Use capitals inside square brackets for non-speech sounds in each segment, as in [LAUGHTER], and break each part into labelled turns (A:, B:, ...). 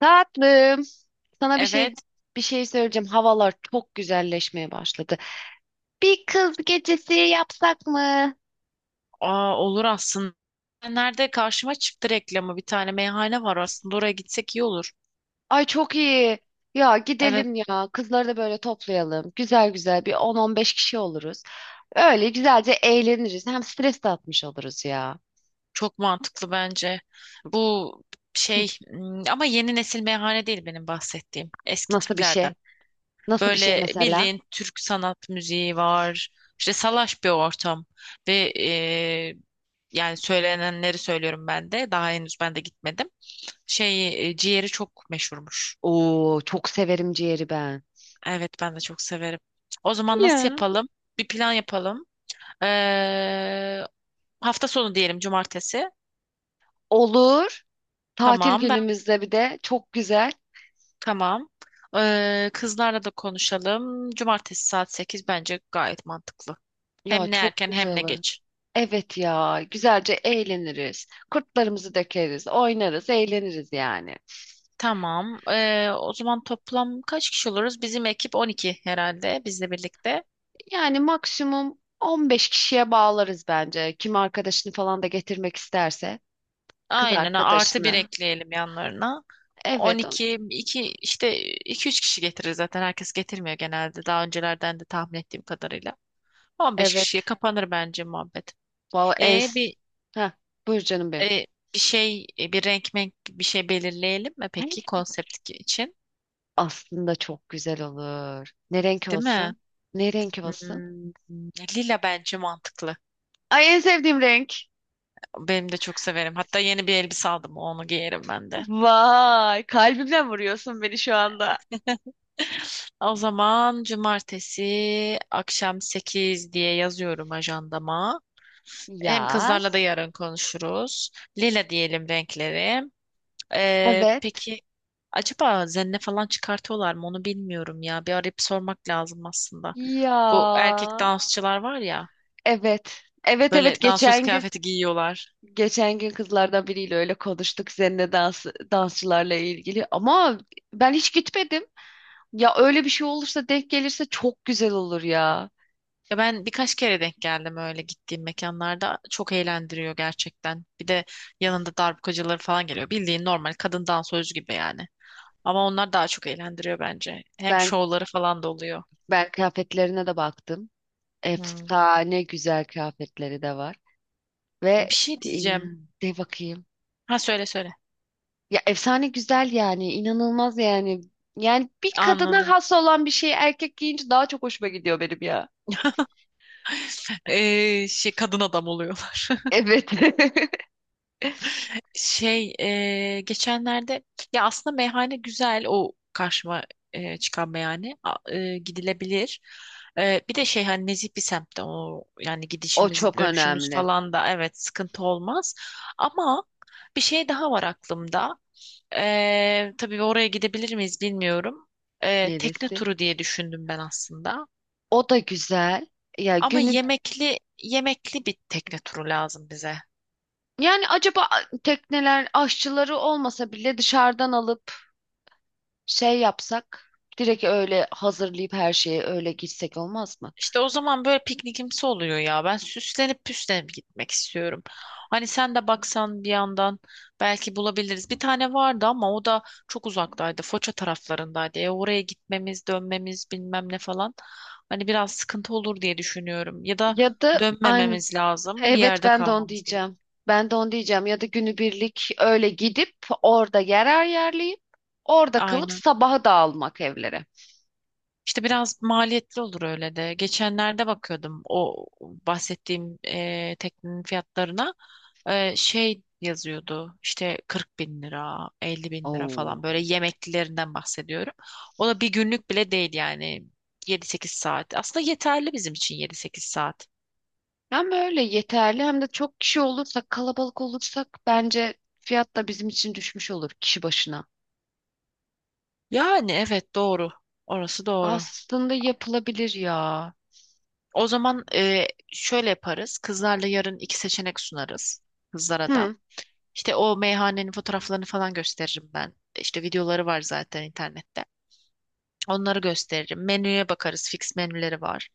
A: Tatlım, sana bir şey
B: Evet,
A: bir şey söyleyeceğim. Havalar çok güzelleşmeye başladı. Bir kız gecesi yapsak mı?
B: olur aslında. Nerede karşıma çıktı reklamı bir tane meyhane var aslında oraya gitsek iyi olur.
A: Ay çok iyi. Ya
B: Evet,
A: gidelim ya. Kızları da böyle toplayalım. Güzel güzel bir 10-15 kişi oluruz. Öyle güzelce eğleniriz. Hem stres de atmış oluruz ya.
B: çok mantıklı bence. Bu
A: Hı,
B: ama yeni nesil meyhane değil benim bahsettiğim eski
A: nasıl bir şey?
B: tiplerden.
A: Nasıl bir şey
B: Böyle
A: mesela?
B: bildiğin Türk sanat müziği var. İşte salaş bir ortam ve e, yani söylenenleri söylüyorum ben de. Daha henüz ben de gitmedim. Ciğeri çok meşhurmuş.
A: Oo, çok severim ciğeri ben.
B: Evet, ben de çok severim. O zaman nasıl
A: Ya.
B: yapalım? Bir plan yapalım. Ee, Hafta sonu diyelim cumartesi.
A: Olur. Tatil
B: Tamam ben
A: günümüzde bir de çok güzel.
B: tamam. Kızlarla da konuşalım. Cumartesi saat 8 bence gayet mantıklı.
A: Ya
B: Hem ne
A: çok
B: erken
A: güzel
B: hem ne
A: olur.
B: geç.
A: Evet ya, güzelce eğleniriz. Kurtlarımızı dökeriz, oynarız, eğleniriz yani.
B: Tamam. O zaman toplam kaç kişi oluruz? Bizim ekip 12 herhalde bizle birlikte.
A: Yani maksimum 15 kişiye bağlarız bence. Kim arkadaşını falan da getirmek isterse, kız
B: Aynen artı bir
A: arkadaşını.
B: ekleyelim yanlarına. On
A: Evet,
B: iki 2 işte iki üç kişi getirir zaten. Herkes getirmiyor genelde. Daha öncelerden de tahmin ettiğim kadarıyla. 15 kişiye
A: evet.
B: kapanır bence muhabbet.
A: Vallahi en.
B: E bir
A: Ha, buyur canım benim.
B: e, Bir renk menk bir şey belirleyelim mi peki konsept için?
A: Aslında çok güzel olur. Ne renk
B: Değil mi?
A: olsun? Ne renk olsun?
B: Hmm, lila bence mantıklı.
A: Ay en sevdiğim renk.
B: Benim de çok severim. Hatta yeni bir elbise aldım. Onu giyerim ben de.
A: Vay, kalbimden vuruyorsun beni şu anda.
B: [LAUGHS] O zaman cumartesi akşam 8 diye yazıyorum ajandama. Hem kızlarla da
A: Yaz.
B: yarın konuşuruz. Lila diyelim renkleri.
A: Evet.
B: Peki acaba zenne falan çıkartıyorlar mı onu bilmiyorum ya. Bir arayıp sormak lazım aslında. Bu erkek
A: Ya.
B: dansçılar var ya
A: Evet. Evet
B: böyle
A: evet,
B: dansöz
A: geçen gün
B: kıyafeti giyiyorlar.
A: geçen gün kızlardan biriyle öyle konuştuk seninle dansçılarla ilgili ama ben hiç gitmedim. Ya öyle bir şey olursa denk gelirse çok güzel olur ya.
B: Ya ben birkaç kere denk geldim öyle gittiğim mekanlarda. Çok eğlendiriyor gerçekten. Bir de yanında darbukacıları falan geliyor. Bildiğin normal kadın dansöz gibi yani. Ama onlar daha çok eğlendiriyor bence. Hem
A: Ben
B: şovları falan da oluyor.
A: ben kıyafetlerine de baktım.
B: Hmm.
A: Efsane güzel kıyafetleri de var ve
B: Bir şey diyeceğim.
A: inan de bakayım.
B: Ha söyle söyle.
A: Ya efsane güzel yani inanılmaz yani. Yani bir kadına
B: Anladım.
A: has olan bir şeyi erkek giyince daha çok hoşuma gidiyor benim ya.
B: Kadın adam oluyorlar.
A: Evet. [LAUGHS]
B: Şey Geçenlerde ya aslında meyhane güzel o karşıma çıkan meyhane gidilebilir. Bir de hani nezih bir semtte o yani
A: O
B: gidişimiz
A: çok
B: dönüşümüz
A: önemli.
B: falan da evet sıkıntı olmaz. Ama bir şey daha var aklımda. Tabii oraya gidebilir miyiz bilmiyorum. Tekne
A: Neresi?
B: turu diye düşündüm ben aslında.
A: O da güzel. Ya
B: Ama
A: günü
B: yemekli yemekli bir tekne turu lazım bize.
A: yani acaba tekneler aşçıları olmasa bile dışarıdan alıp şey yapsak direkt öyle hazırlayıp her şeye öyle gitsek olmaz mı?
B: İşte o zaman böyle piknikimsi oluyor ya. Ben süslenip püslenip gitmek istiyorum. Hani sen de baksan bir yandan belki bulabiliriz. Bir tane vardı ama o da çok uzaktaydı. Foça taraflarındaydı. Oraya gitmemiz, dönmemiz bilmem ne falan. Hani biraz sıkıntı olur diye düşünüyorum. Ya da
A: Ya da aynı,
B: dönmememiz lazım. Bir
A: evet,
B: yerde
A: ben de onu
B: kalmamız gerek.
A: diyeceğim. Ben de onu diyeceğim ya da günübirlik öyle gidip orada yer ayarlayıp orada kalıp
B: Aynen.
A: sabaha dağılmak evlere.
B: İşte biraz maliyetli olur öyle de. Geçenlerde bakıyordum o bahsettiğim teknenin fiyatlarına. Yazıyordu işte 40 bin lira, 50 bin lira falan böyle
A: Oo.
B: yemeklilerinden bahsediyorum. O da bir günlük bile değil yani 7-8 saat. Aslında yeterli bizim için 7-8 saat.
A: Hem böyle yeterli hem de çok kişi olursak, kalabalık olursak bence fiyat da bizim için düşmüş olur kişi başına.
B: Yani evet doğru. Orası doğru.
A: Aslında yapılabilir ya.
B: O zaman şöyle yaparız. Kızlarla yarın iki seçenek sunarız kızlara da.
A: Hı,
B: İşte o meyhanenin fotoğraflarını falan gösteririm ben. İşte videoları var zaten internette. Onları gösteririm. Menüye bakarız. Fix menüleri var.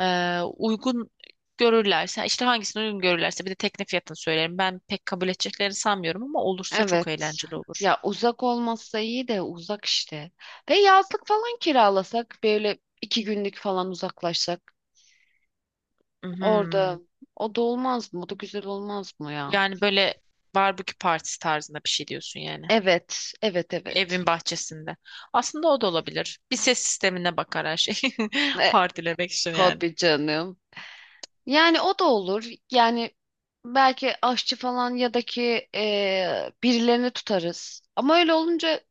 B: Uygun görürlerse işte hangisini uygun görürlerse bir de tekne fiyatını söylerim. Ben pek kabul edeceklerini sanmıyorum ama olursa çok
A: evet.
B: eğlenceli olur.
A: Ya uzak olmazsa iyi de uzak işte. Ve yazlık falan kiralasak böyle iki günlük falan uzaklaşsak
B: Mhm.
A: orada o da olmaz mı? O da güzel olmaz mı ya?
B: Yani böyle barbekü partisi tarzında bir şey diyorsun yani.
A: Evet, evet, evet.
B: Evin bahçesinde. Aslında o da olabilir. Bir ses sistemine bakar her şey. [LAUGHS]
A: E,
B: Partilemek için yani.
A: tabii canım. Yani o da olur. Yani belki aşçı falan ya da ki birilerini tutarız. Ama öyle olunca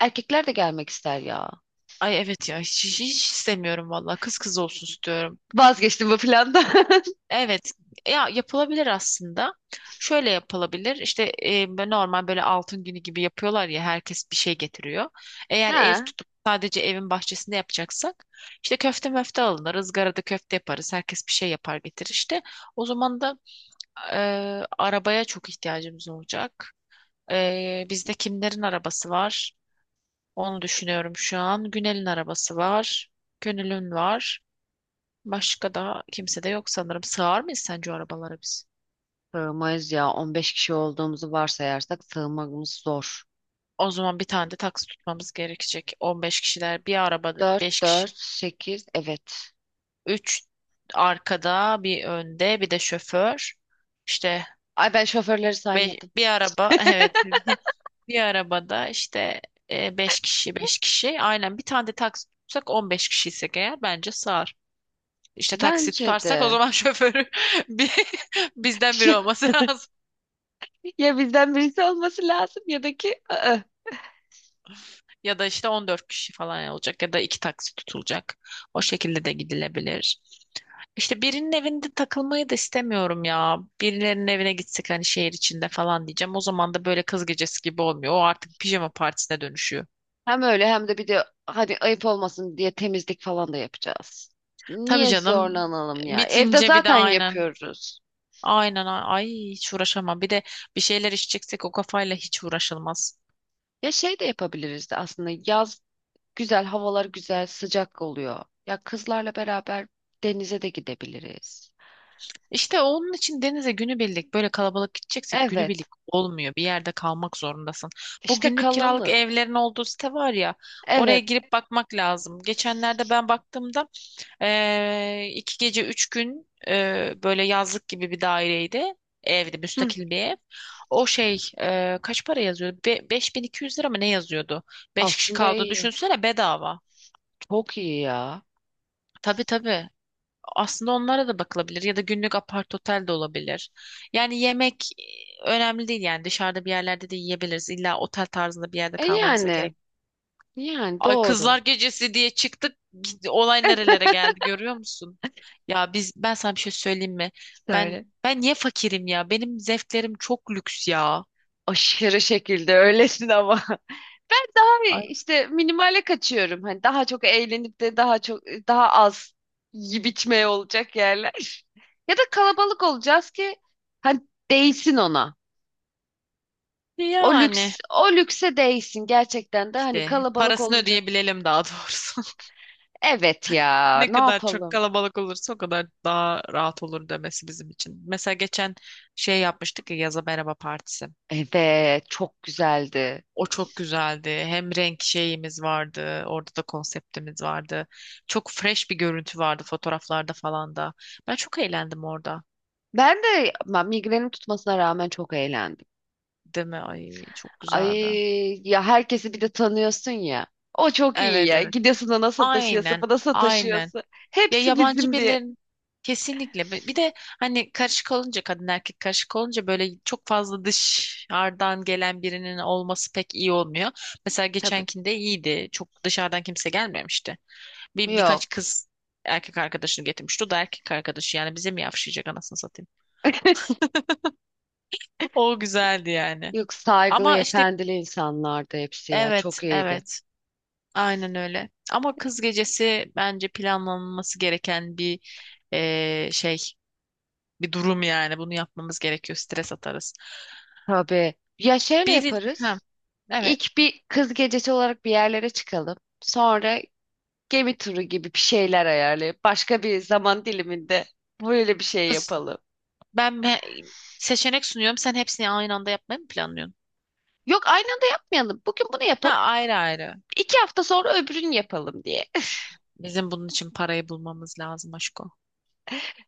A: erkekler de gelmek ister ya.
B: Ay, evet ya, hiç, hiç istemiyorum valla kız kız olsun istiyorum.
A: Vazgeçtim bu plandan. [LAUGHS]
B: Evet ya, yapılabilir aslında. Şöyle yapılabilir işte böyle normal böyle altın günü gibi yapıyorlar ya herkes bir şey getiriyor. Eğer ev
A: Ha,
B: tutup sadece evin bahçesinde yapacaksak işte köfte möfte alınır ızgarada köfte yaparız herkes bir şey yapar getirir işte. O zaman da e, arabaya çok ihtiyacımız olacak. Bizde kimlerin arabası var? Onu düşünüyorum şu an. Günel'in arabası var. Gönül'ün var. Başka da kimse de yok sanırım. Sığar mıyız sence o arabalara biz?
A: sığmayız ya. 15 kişi olduğumuzu varsayarsak sığmamız zor.
B: O zaman bir tane de taksi tutmamız gerekecek. 15 kişiler bir arabada
A: 4
B: 5 kişi.
A: 4 sekiz, evet.
B: Üç arkada bir önde bir de şoför. İşte
A: Ay ben şoförleri saymadım.
B: bir araba [LAUGHS] evet [LAUGHS] bir arabada işte 5 kişi 5 kişi. Aynen bir tane de taksi tutsak 15 kişiysek eğer bence sığar. İşte taksi
A: Bence
B: tutarsak o
A: de.
B: zaman [LAUGHS] şoförü bir, [LAUGHS] bizden biri olması
A: [LAUGHS]
B: [LAUGHS] lazım.
A: Ya bizden birisi olması lazım ya da ki ı-ı.
B: Ya da işte 14 kişi falan olacak ya da iki taksi tutulacak. O şekilde de gidilebilir. İşte birinin evinde takılmayı da istemiyorum ya. Birilerinin evine gitsek hani şehir içinde falan diyeceğim. O zaman da böyle kız gecesi gibi olmuyor. O artık pijama partisine dönüşüyor.
A: Hem öyle hem de bir de hadi ayıp olmasın diye temizlik falan da yapacağız.
B: Tabii
A: Niye
B: canım.
A: zorlanalım ya? Evde
B: Bitince bir de
A: zaten
B: aynen.
A: yapıyoruz.
B: Aynen ay hiç uğraşamam. Bir de bir şeyler içeceksek o kafayla hiç uğraşılmaz.
A: Ya şey de yapabiliriz de aslında yaz güzel, havalar güzel, sıcak oluyor. Ya kızlarla beraber denize de gidebiliriz.
B: İşte onun için denize günübirlik böyle kalabalık gideceksek günübirlik
A: Evet,
B: olmuyor. Bir yerde kalmak zorundasın. Bu
A: işte
B: günlük kiralık
A: kalalım.
B: evlerin olduğu site var ya oraya
A: Evet.
B: girip bakmak lazım. Geçenlerde ben baktığımda iki gece üç gün böyle yazlık gibi bir daireydi. Evdi
A: Hı,
B: müstakil bir ev. O kaç para yazıyordu? 5.200 lira mı ne yazıyordu? Beş kişi
A: aslında
B: kaldığını
A: iyi.
B: düşünsene bedava.
A: Çok iyi ya.
B: Tabii tabii. Aslında onlara da bakılabilir ya da günlük apart otel de olabilir. Yani yemek önemli değil yani dışarıda bir yerlerde de yiyebiliriz. İlla otel tarzında bir yerde
A: E
B: kalmamıza
A: yani,
B: gerek.
A: yani
B: Ay kızlar
A: doğru.
B: gecesi diye çıktık. Olay
A: [LAUGHS]
B: nerelere geldi görüyor musun? Ya ben sana bir şey söyleyeyim mi? Ben
A: Söyle.
B: ben niye fakirim ya? Benim zevklerim çok lüks ya.
A: Aşırı şekilde öylesin ama. [LAUGHS] Ben daha
B: Ay
A: işte minimale kaçıyorum. Hani daha çok eğlenip de daha az yiyip içmeye olacak yerler. [LAUGHS] Ya da kalabalık olacağız ki hani değsin ona. O
B: yani
A: lüks o lükse değsin gerçekten de hani
B: işte
A: kalabalık
B: parasını
A: olunca
B: ödeyebilelim daha doğrusu.
A: evet ya,
B: Ne
A: ne
B: kadar çok
A: yapalım?
B: kalabalık olursa o kadar daha rahat olur demesi bizim için. Mesela geçen yapmıştık ya yaza merhaba partisi.
A: Evet, çok güzeldi.
B: O çok güzeldi. Hem renk şeyimiz vardı. Orada da konseptimiz vardı. Çok fresh bir görüntü vardı fotoğraflarda falan da. Ben çok eğlendim orada.
A: Ben migrenim tutmasına rağmen çok eğlendim.
B: Değil mi? Ay çok güzeldi.
A: Ay ya, herkesi bir de tanıyorsun ya. O çok iyi
B: Evet,
A: ya.
B: evet.
A: Gidiyorsun ona sataşıyorsun,
B: Aynen.
A: buna
B: Aynen.
A: sataşıyorsun.
B: Ya
A: Hepsi
B: yabancı
A: bizim diye.
B: birilerin kesinlikle bir de hani karışık olunca kadın erkek karışık olunca böyle çok fazla dışarıdan gelen birinin olması pek iyi olmuyor. Mesela
A: Tabii.
B: geçenkinde iyiydi. Çok dışarıdan kimse gelmemişti. Birkaç
A: Yok.
B: kız erkek arkadaşını getirmişti. O da erkek arkadaşı yani bize mi yavşayacak anasını satayım.
A: [LAUGHS]
B: O güzeldi yani.
A: Yok, saygılı,
B: Ama işte
A: efendili insanlardı hepsi ya.
B: evet,
A: Çok iyiydi.
B: evet, aynen öyle. Ama kız gecesi bence planlanması gereken eee, şey bir durum yani. Bunu yapmamız gerekiyor. Stres atarız.
A: Tabii. Ya şöyle
B: Bir, ha,
A: yaparız.
B: evet.
A: İlk bir kız gecesi olarak bir yerlere çıkalım. Sonra gemi turu gibi bir şeyler ayarlayıp başka bir zaman diliminde böyle bir şey
B: Kız,
A: yapalım.
B: ben seçenek sunuyorum. Sen hepsini aynı anda yapmayı mı planlıyorsun?
A: Yok, aynı anda yapmayalım. Bugün bunu
B: Ha
A: yapalım.
B: ayrı ayrı.
A: İki hafta sonra öbürünü yapalım diye.
B: Bizim bunun için parayı bulmamız lazım aşko.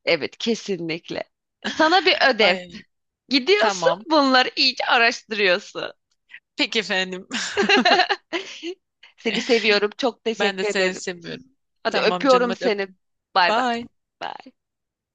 A: Evet, kesinlikle. Sana bir
B: [LAUGHS]
A: ödev.
B: Ay
A: Gidiyorsun,
B: tamam.
A: bunları iyice araştırıyorsun.
B: Peki efendim. [LAUGHS]
A: [LAUGHS] Seni seviyorum. Çok
B: Ben de
A: teşekkür
B: seni
A: ederim.
B: seviyorum.
A: Hadi
B: Tamam canım
A: öpüyorum
B: hadi
A: seni.
B: öptüm.
A: Bay bay.
B: Bye.
A: Bay.